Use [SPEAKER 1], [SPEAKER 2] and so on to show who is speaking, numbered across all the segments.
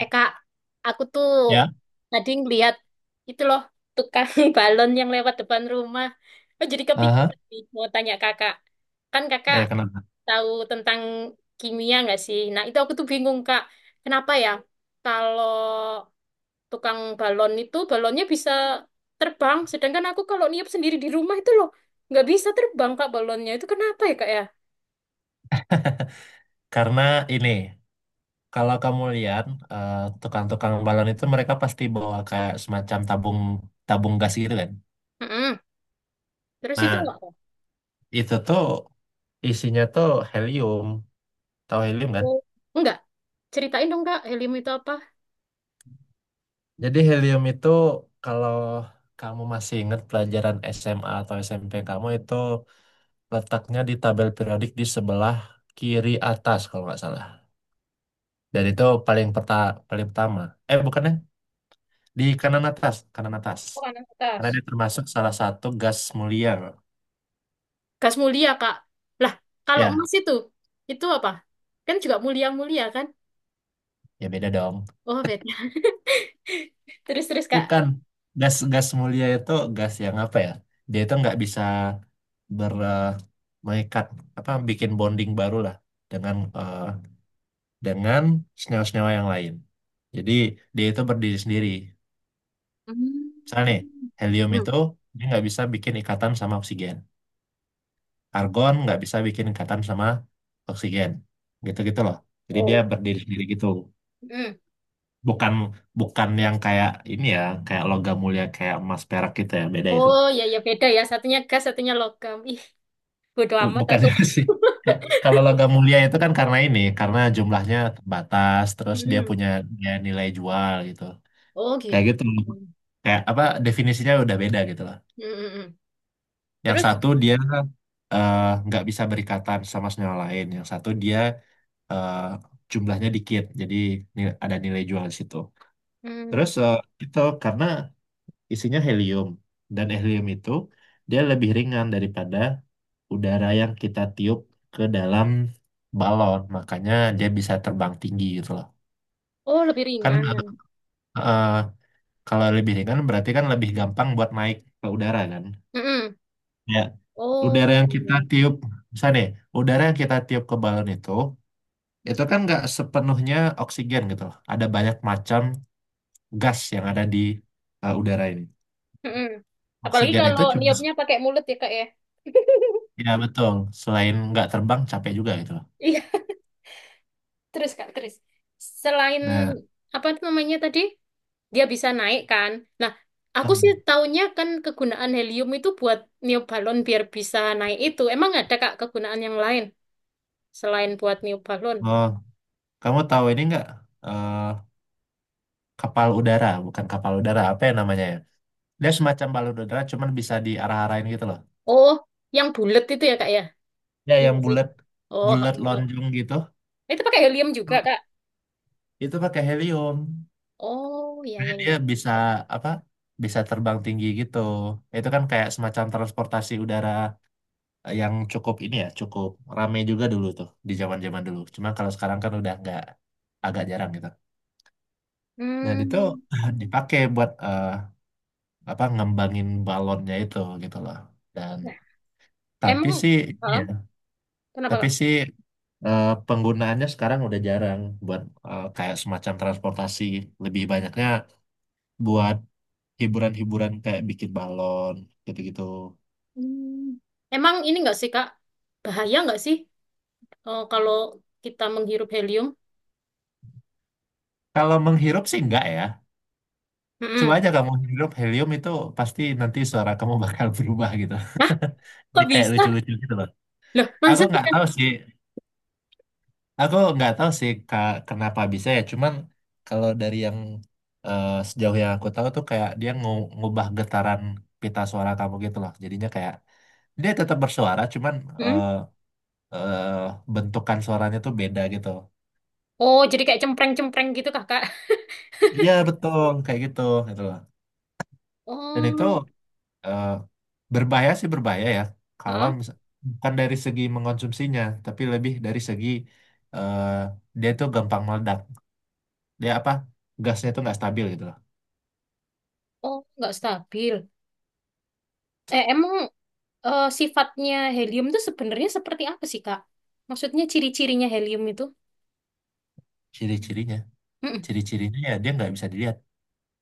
[SPEAKER 1] Eh kak, aku tuh
[SPEAKER 2] Ya.
[SPEAKER 1] tadi ngeliat itu loh tukang balon yang lewat depan rumah. Oh, jadi
[SPEAKER 2] Aha,
[SPEAKER 1] kepikiran nih, mau tanya kakak. Kan kakak
[SPEAKER 2] ya kenapa?
[SPEAKER 1] tahu tentang kimia nggak sih? Nah itu aku tuh bingung kak, kenapa ya kalau tukang balon itu balonnya bisa terbang, sedangkan aku kalau niup sendiri di rumah itu loh nggak bisa terbang kak balonnya. Itu kenapa ya kak ya?
[SPEAKER 2] Karena ini kalau kamu lihat eh, tukang-tukang balon itu mereka pasti bawa kayak semacam tabung tabung gas gitu kan.
[SPEAKER 1] Mm-mm. Terus itu
[SPEAKER 2] Nah,
[SPEAKER 1] nggak? Kak?
[SPEAKER 2] itu tuh isinya tuh helium. Tahu helium kan?
[SPEAKER 1] Oh, enggak. Ceritain dong kak, helium itu apa?
[SPEAKER 2] Jadi helium itu kalau kamu masih ingat pelajaran SMA atau SMP kamu, itu letaknya di tabel periodik di sebelah kiri atas kalau nggak salah. Dan itu paling paling pertama. Eh, bukannya di kanan atas, kanan atas.
[SPEAKER 1] Bukan
[SPEAKER 2] Karena
[SPEAKER 1] atas.
[SPEAKER 2] dia termasuk salah satu gas mulia. Bro.
[SPEAKER 1] Gas mulia, Kak. Lah, kalau
[SPEAKER 2] Ya,
[SPEAKER 1] emas itu apa? Kan juga mulia-mulia, kan?
[SPEAKER 2] ya beda dong.
[SPEAKER 1] Oh, beda. Terus-terus, Kak.
[SPEAKER 2] Bukan. Gas gas mulia itu gas yang apa ya? Dia itu nggak bisa ber eh, mengikat, apa bikin bonding baru lah dengan eh, dengan senyawa-senyawa yang lain. Jadi dia itu berdiri sendiri.
[SPEAKER 1] Hmm.
[SPEAKER 2] Misalnya nih, helium
[SPEAKER 1] Hmm.
[SPEAKER 2] itu dia nggak bisa bikin ikatan sama oksigen. Argon nggak bisa bikin ikatan sama oksigen. Gitu-gitu loh. Jadi
[SPEAKER 1] Oh.
[SPEAKER 2] dia berdiri sendiri gitu.
[SPEAKER 1] Hmm.
[SPEAKER 2] Bukan bukan yang kayak ini ya, kayak logam mulia kayak emas perak gitu, ya beda itu.
[SPEAKER 1] Oh, ya, ya, beda ya. Satunya gas, satunya logam. Ih, bodo
[SPEAKER 2] Bu-
[SPEAKER 1] amat
[SPEAKER 2] bukan
[SPEAKER 1] aku.
[SPEAKER 2] sih. Kalau logam mulia itu kan karena ini karena jumlahnya terbatas, terus
[SPEAKER 1] Hmm.
[SPEAKER 2] dia nilai jual gitu,
[SPEAKER 1] Oh, gitu.
[SPEAKER 2] kayak gitu,
[SPEAKER 1] Hmm.
[SPEAKER 2] kayak apa definisinya udah beda gitu lah.
[SPEAKER 1] Hmm, hmm.
[SPEAKER 2] Yang
[SPEAKER 1] Terus?
[SPEAKER 2] satu dia eh, nggak bisa berikatan sama senyawa lain, yang satu dia eh, jumlahnya dikit jadi ada nilai jual di situ. Terus
[SPEAKER 1] Hmm.
[SPEAKER 2] itu karena isinya helium, dan helium itu dia lebih ringan daripada udara yang kita tiup ke dalam balon, makanya dia bisa terbang tinggi gitu loh.
[SPEAKER 1] Oh, lebih
[SPEAKER 2] Kan
[SPEAKER 1] ringan.
[SPEAKER 2] eh, kalau lebih ringan berarti kan lebih gampang buat naik ke udara kan.
[SPEAKER 1] Hmm, hmm.
[SPEAKER 2] Ya, udara
[SPEAKER 1] Oh,
[SPEAKER 2] yang kita
[SPEAKER 1] iya.
[SPEAKER 2] tiup, misalnya nih, udara yang kita tiup ke balon itu kan nggak sepenuhnya oksigen gitu loh. Ada banyak macam gas yang ada di udara ini.
[SPEAKER 1] Hmm, hmm. Apalagi
[SPEAKER 2] Oksigen
[SPEAKER 1] kalau
[SPEAKER 2] itu cuma.
[SPEAKER 1] niupnya pakai mulut ya, Kak, ya.
[SPEAKER 2] Ya betul, selain nggak terbang, capek juga gitu.
[SPEAKER 1] Iya, terus Kak, terus. Selain
[SPEAKER 2] Nah,
[SPEAKER 1] itu namanya tadi? Dia bisa naik kan. Nah, aku sih
[SPEAKER 2] em,
[SPEAKER 1] taunya kan kegunaan helium itu buat niup balon biar bisa naik itu. Emang ada Kak kegunaan yang lain selain buat niup balon?
[SPEAKER 2] oh, kamu tahu ini nggak, eh, kapal udara, bukan kapal udara, apa ya namanya ya? Dia semacam balon udara, cuman bisa diarah-arahin gitu loh.
[SPEAKER 1] Oh, yang bulat itu ya Kak ya?
[SPEAKER 2] Ya,
[SPEAKER 1] Iya
[SPEAKER 2] yang
[SPEAKER 1] nggak sih.
[SPEAKER 2] bulat,
[SPEAKER 1] Oh,
[SPEAKER 2] bulat
[SPEAKER 1] oh, oh.
[SPEAKER 2] lonjong gitu.
[SPEAKER 1] Itu pakai helium juga Kak.
[SPEAKER 2] Itu pakai helium.
[SPEAKER 1] Oh, iya
[SPEAKER 2] Jadi
[SPEAKER 1] iya
[SPEAKER 2] dia
[SPEAKER 1] iya.
[SPEAKER 2] bisa apa? Bisa terbang tinggi gitu. Itu kan kayak semacam transportasi udara yang cukup ini ya, cukup rame juga dulu tuh di zaman-zaman dulu. Cuma kalau sekarang kan udah nggak, agak jarang gitu. Nah, itu
[SPEAKER 1] Hmm.
[SPEAKER 2] dipakai buat apa, ngembangin balonnya itu gitu loh. Dan
[SPEAKER 1] Nah,
[SPEAKER 2] tapi
[SPEAKER 1] emang.
[SPEAKER 2] sih
[SPEAKER 1] Hah?
[SPEAKER 2] iya,
[SPEAKER 1] Kenapa
[SPEAKER 2] tapi
[SPEAKER 1] Kak?
[SPEAKER 2] sih penggunaannya sekarang udah jarang buat kayak semacam transportasi, lebih banyaknya buat hiburan-hiburan kayak bikin balon gitu-gitu.
[SPEAKER 1] Hmm. Emang ini nggak sih Kak? Bahaya nggak sih kalau kita menghirup helium?
[SPEAKER 2] Kalau menghirup sih enggak ya. Coba
[SPEAKER 1] Mm-mm.
[SPEAKER 2] aja kamu hirup helium itu, pasti nanti suara kamu bakal berubah gitu.
[SPEAKER 1] Hah?
[SPEAKER 2] Jadi
[SPEAKER 1] Kok
[SPEAKER 2] kayak
[SPEAKER 1] bisa?
[SPEAKER 2] lucu-lucu gitu loh.
[SPEAKER 1] Loh,
[SPEAKER 2] Aku
[SPEAKER 1] masa sih
[SPEAKER 2] nggak tahu
[SPEAKER 1] Kak?
[SPEAKER 2] sih Aku nggak tahu sih Kak, kenapa bisa ya. Cuman kalau dari yang sejauh yang aku tahu tuh, kayak dia ngubah getaran pita suara kamu gitu loh. Jadinya kayak dia tetap bersuara, cuman
[SPEAKER 1] Hmm?
[SPEAKER 2] eh, eh, bentukan suaranya tuh beda gitu.
[SPEAKER 1] Oh, jadi kayak cempreng-cempreng gitu kakak.
[SPEAKER 2] Iya betul kayak gitu, gitu loh. Dan itu
[SPEAKER 1] Oh,
[SPEAKER 2] eh, berbahaya sih berbahaya ya. Kalau
[SPEAKER 1] ah.
[SPEAKER 2] bukan dari segi mengkonsumsinya, tapi lebih dari segi eh, dia tuh gampang meledak. Dia apa, gasnya tuh nggak stabil gitu loh.
[SPEAKER 1] Oh, nggak stabil. Eh, emang sifatnya helium itu sebenarnya seperti apa sih kak? Maksudnya ciri-cirinya helium itu?
[SPEAKER 2] Ciri-cirinya.
[SPEAKER 1] Mm-mm.
[SPEAKER 2] Ciri-cirinya ya dia nggak bisa dilihat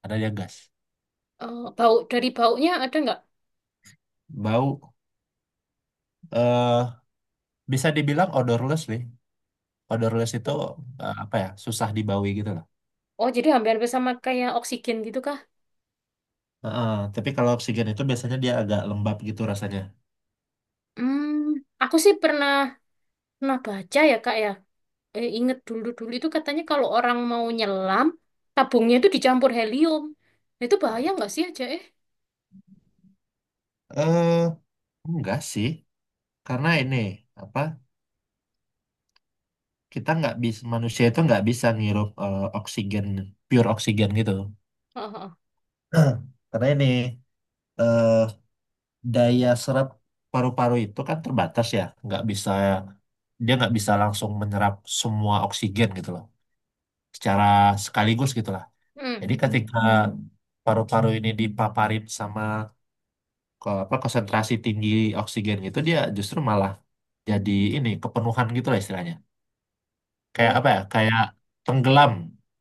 [SPEAKER 2] karena dia gas.
[SPEAKER 1] Eh, bau dari baunya ada nggak?
[SPEAKER 2] Bau eh bisa dibilang odorless nih. Odorless itu apa ya? Susah dibawi gitu loh.
[SPEAKER 1] Oh, jadi hampir-hampir sama kayak oksigen gitu kah?
[SPEAKER 2] Heeh, tapi kalau oksigen itu biasanya dia agak lembab gitu rasanya.
[SPEAKER 1] Hmm, aku sih pernah pernah baca ya kak ya. Eh, inget dulu-dulu itu katanya kalau orang mau nyelam, tabungnya itu dicampur helium. Nah, itu bahaya nggak sih aja eh?
[SPEAKER 2] Eh enggak sih, karena ini apa? Kita nggak bisa manusia itu nggak bisa ngirup oksigen, pure oksigen gitu.
[SPEAKER 1] Heeh.
[SPEAKER 2] Karena ini eh daya serap paru-paru itu kan terbatas ya, nggak bisa dia nggak bisa langsung menyerap semua oksigen gitu loh, secara sekaligus gitulah.
[SPEAKER 1] Hmm.
[SPEAKER 2] Jadi ketika paru-paru ini dipaparin sama apa konsentrasi tinggi oksigen gitu, dia justru malah jadi ini kepenuhan gitu lah istilahnya. Kayak
[SPEAKER 1] Oh.
[SPEAKER 2] apa ya? Kayak tenggelam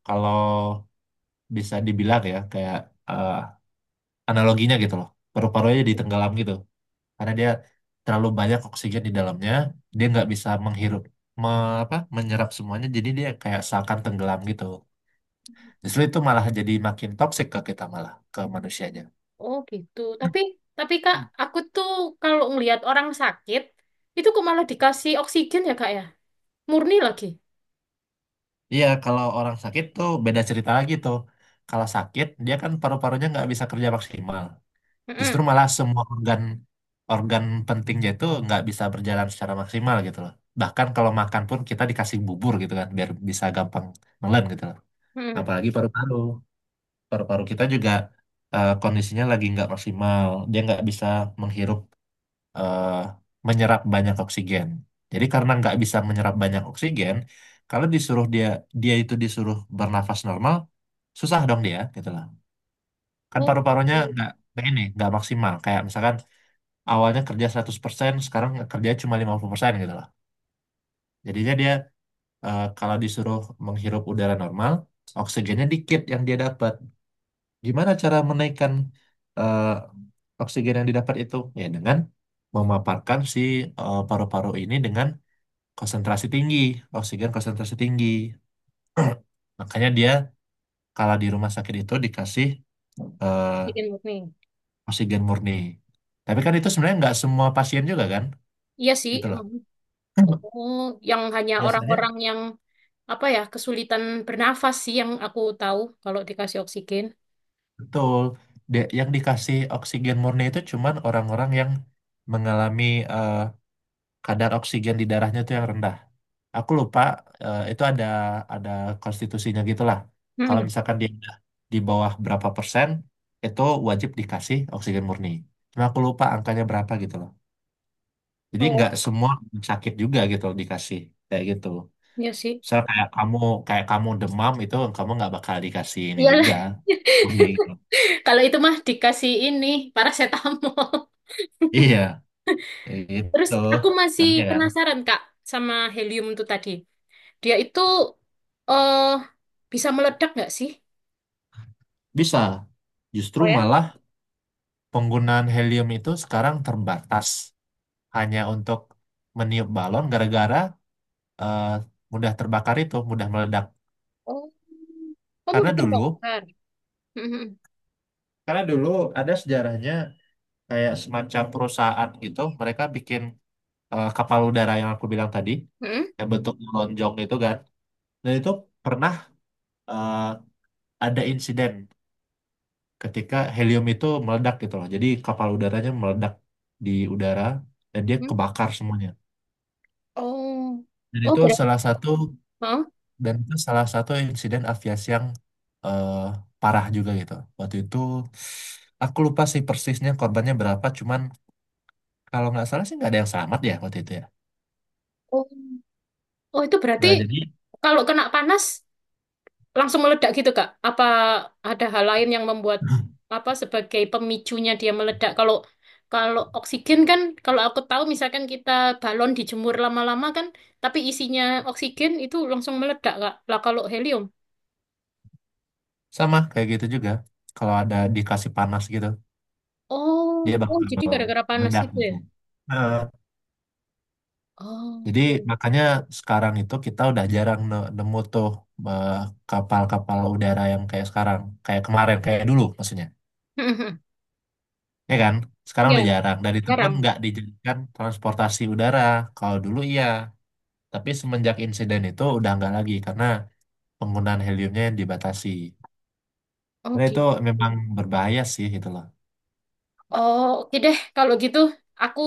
[SPEAKER 2] kalau bisa dibilang, ya kayak eh, analoginya gitu loh. Paru-parunya jadi tenggelam gitu karena dia terlalu banyak oksigen di dalamnya, dia nggak bisa menghirup, me- apa, menyerap semuanya, jadi dia kayak seakan tenggelam gitu. Justru itu malah jadi makin toksik ke kita malah, ke manusianya.
[SPEAKER 1] Oh gitu. Tapi Kak,
[SPEAKER 2] Hmm.
[SPEAKER 1] aku tuh kalau ngelihat orang sakit itu kok malah dikasih oksigen ya Kak ya? Murni lagi.
[SPEAKER 2] Iya, kalau orang sakit tuh beda cerita lagi tuh. Kalau sakit, dia kan paru-parunya nggak bisa kerja maksimal. Justru
[SPEAKER 1] Mm-mm.
[SPEAKER 2] malah semua organ organ pentingnya itu nggak bisa berjalan secara maksimal gitu loh. Bahkan kalau makan pun kita dikasih bubur gitu kan, biar bisa gampang nelen gitu loh.
[SPEAKER 1] Mm-mm.
[SPEAKER 2] Apalagi paru-paru. Paru-paru kita juga kondisinya lagi nggak maksimal. Dia nggak bisa menghirup, eh, menyerap banyak oksigen. Jadi karena nggak bisa menyerap banyak oksigen, kalau disuruh dia dia itu disuruh bernafas normal, susah dong dia gitu loh. Kan
[SPEAKER 1] Oh,
[SPEAKER 2] paru-parunya
[SPEAKER 1] mm.
[SPEAKER 2] nggak nggak maksimal. Kayak misalkan awalnya kerja 100%, sekarang kerja cuma 50% gitu loh. Jadinya dia kalau disuruh menghirup udara normal, oksigennya dikit yang dia dapat. Gimana cara menaikkan eh, oksigen yang didapat itu? Ya dengan memaparkan si paru-paru ini dengan konsentrasi tinggi, oksigen konsentrasi tinggi. Makanya dia kalau di rumah sakit itu dikasih eh,
[SPEAKER 1] Oksigen murni.
[SPEAKER 2] oksigen murni. Tapi kan itu sebenarnya nggak semua pasien juga kan,
[SPEAKER 1] Iya sih,
[SPEAKER 2] gitu loh.
[SPEAKER 1] emang. Oh, yang hanya
[SPEAKER 2] Biasanya
[SPEAKER 1] orang-orang yang apa ya kesulitan bernafas sih yang aku tahu kalau dikasih oksigen.
[SPEAKER 2] betul. Yang dikasih oksigen murni itu cuman orang-orang yang mengalami eh, kadar oksigen di darahnya itu yang rendah. Aku lupa itu ada konstitusinya gitulah. Kalau
[SPEAKER 1] Mm.
[SPEAKER 2] misalkan dia udah di bawah berapa persen, itu wajib dikasih oksigen murni. Cuma aku lupa angkanya berapa gitu loh. Jadi
[SPEAKER 1] Oh,
[SPEAKER 2] nggak semua orang sakit juga gitu loh dikasih kayak gitu.
[SPEAKER 1] iya sih.
[SPEAKER 2] Misal kayak kamu demam, itu kamu nggak bakal dikasih ini
[SPEAKER 1] Iyalah.
[SPEAKER 2] juga, murni gitu.
[SPEAKER 1] Kalau itu mah dikasih ini parasetamol.
[SPEAKER 2] Iya,
[SPEAKER 1] Terus
[SPEAKER 2] itu
[SPEAKER 1] aku masih
[SPEAKER 2] makanya kan
[SPEAKER 1] penasaran Kak sama helium itu tadi. Dia itu eh bisa meledak nggak sih?
[SPEAKER 2] bisa.
[SPEAKER 1] Oh
[SPEAKER 2] Justru
[SPEAKER 1] ya?
[SPEAKER 2] malah penggunaan helium itu sekarang terbatas hanya untuk meniup balon gara-gara eh, mudah terbakar itu, mudah meledak.
[SPEAKER 1] Oh, kamu
[SPEAKER 2] Karena
[SPEAKER 1] udah
[SPEAKER 2] dulu,
[SPEAKER 1] terbakar. Mhm.
[SPEAKER 2] karena dulu, ada sejarahnya, kayak semacam perusahaan gitu, mereka bikin kapal udara yang aku bilang tadi,
[SPEAKER 1] Mhm.
[SPEAKER 2] yang bentuk lonjong itu kan. Dan itu pernah eh, ada insiden ketika helium itu meledak gitu loh. Jadi kapal udaranya meledak di udara dan dia
[SPEAKER 1] Mhm.
[SPEAKER 2] kebakar semuanya.
[SPEAKER 1] Oh,
[SPEAKER 2] Dan
[SPEAKER 1] oh
[SPEAKER 2] itu
[SPEAKER 1] berarti.
[SPEAKER 2] salah satu
[SPEAKER 1] Hah?
[SPEAKER 2] Dan itu salah satu insiden aviasi yang eh, parah juga gitu. Waktu itu aku lupa sih persisnya korbannya berapa, cuman kalau nggak salah sih nggak ada yang selamat ya waktu itu ya.
[SPEAKER 1] Oh, oh itu berarti
[SPEAKER 2] Nah jadi
[SPEAKER 1] kalau kena panas langsung meledak gitu Kak? Apa ada hal lain yang membuat apa sebagai pemicunya dia meledak? Kalau kalau oksigen kan, kalau aku tahu misalkan kita balon dijemur lama-lama kan, tapi isinya oksigen itu langsung meledak Kak. Lah kalau helium?
[SPEAKER 2] sama kayak gitu juga. Kalau ada dikasih panas gitu,
[SPEAKER 1] Oh,
[SPEAKER 2] dia
[SPEAKER 1] oh jadi
[SPEAKER 2] bakal
[SPEAKER 1] gara-gara panas
[SPEAKER 2] meledak
[SPEAKER 1] itu ya?
[SPEAKER 2] gitu. Nah,
[SPEAKER 1] Oh,
[SPEAKER 2] jadi
[SPEAKER 1] iya.
[SPEAKER 2] makanya sekarang itu kita udah jarang nemu tuh eh, kapal-kapal udara yang kayak sekarang, kayak kemarin, kayak dulu maksudnya. Ya kan? Sekarang
[SPEAKER 1] Ya,
[SPEAKER 2] udah jarang. Dan itu pun
[SPEAKER 1] jarang.
[SPEAKER 2] nggak dijadikan transportasi udara. Kalau dulu iya, tapi semenjak insiden itu udah nggak lagi karena penggunaan heliumnya dibatasi.
[SPEAKER 1] Oh,
[SPEAKER 2] Karena itu
[SPEAKER 1] gitu.
[SPEAKER 2] memang berbahaya sih gitu loh.
[SPEAKER 1] Oh, oke deh. Kalau gitu, aku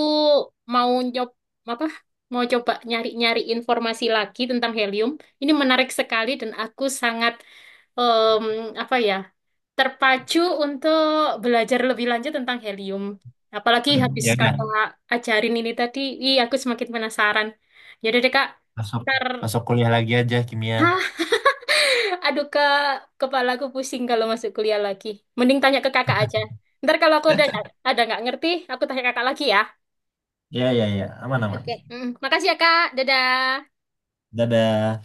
[SPEAKER 1] mau nyob apa? Mau coba nyari-nyari informasi lagi tentang helium. Ini menarik sekali dan aku sangat em, apa ya? Terpacu untuk belajar lebih lanjut tentang helium. Apalagi habis
[SPEAKER 2] Ya udah,
[SPEAKER 1] kakak ajarin ini tadi, ih aku semakin penasaran. Yaudah deh kak,
[SPEAKER 2] masuk
[SPEAKER 1] ntar.
[SPEAKER 2] masuk kuliah lagi aja kimia.
[SPEAKER 1] Aduh kak, kepala aku pusing kalau masuk kuliah lagi. Mending tanya ke kakak aja. Ntar kalau aku ada nggak ngerti, aku tanya kakak lagi ya.
[SPEAKER 2] Ya, ya, ya. Aman,
[SPEAKER 1] Oke.
[SPEAKER 2] aman.
[SPEAKER 1] Mm, makasih ya kak, dadah.
[SPEAKER 2] Dadah.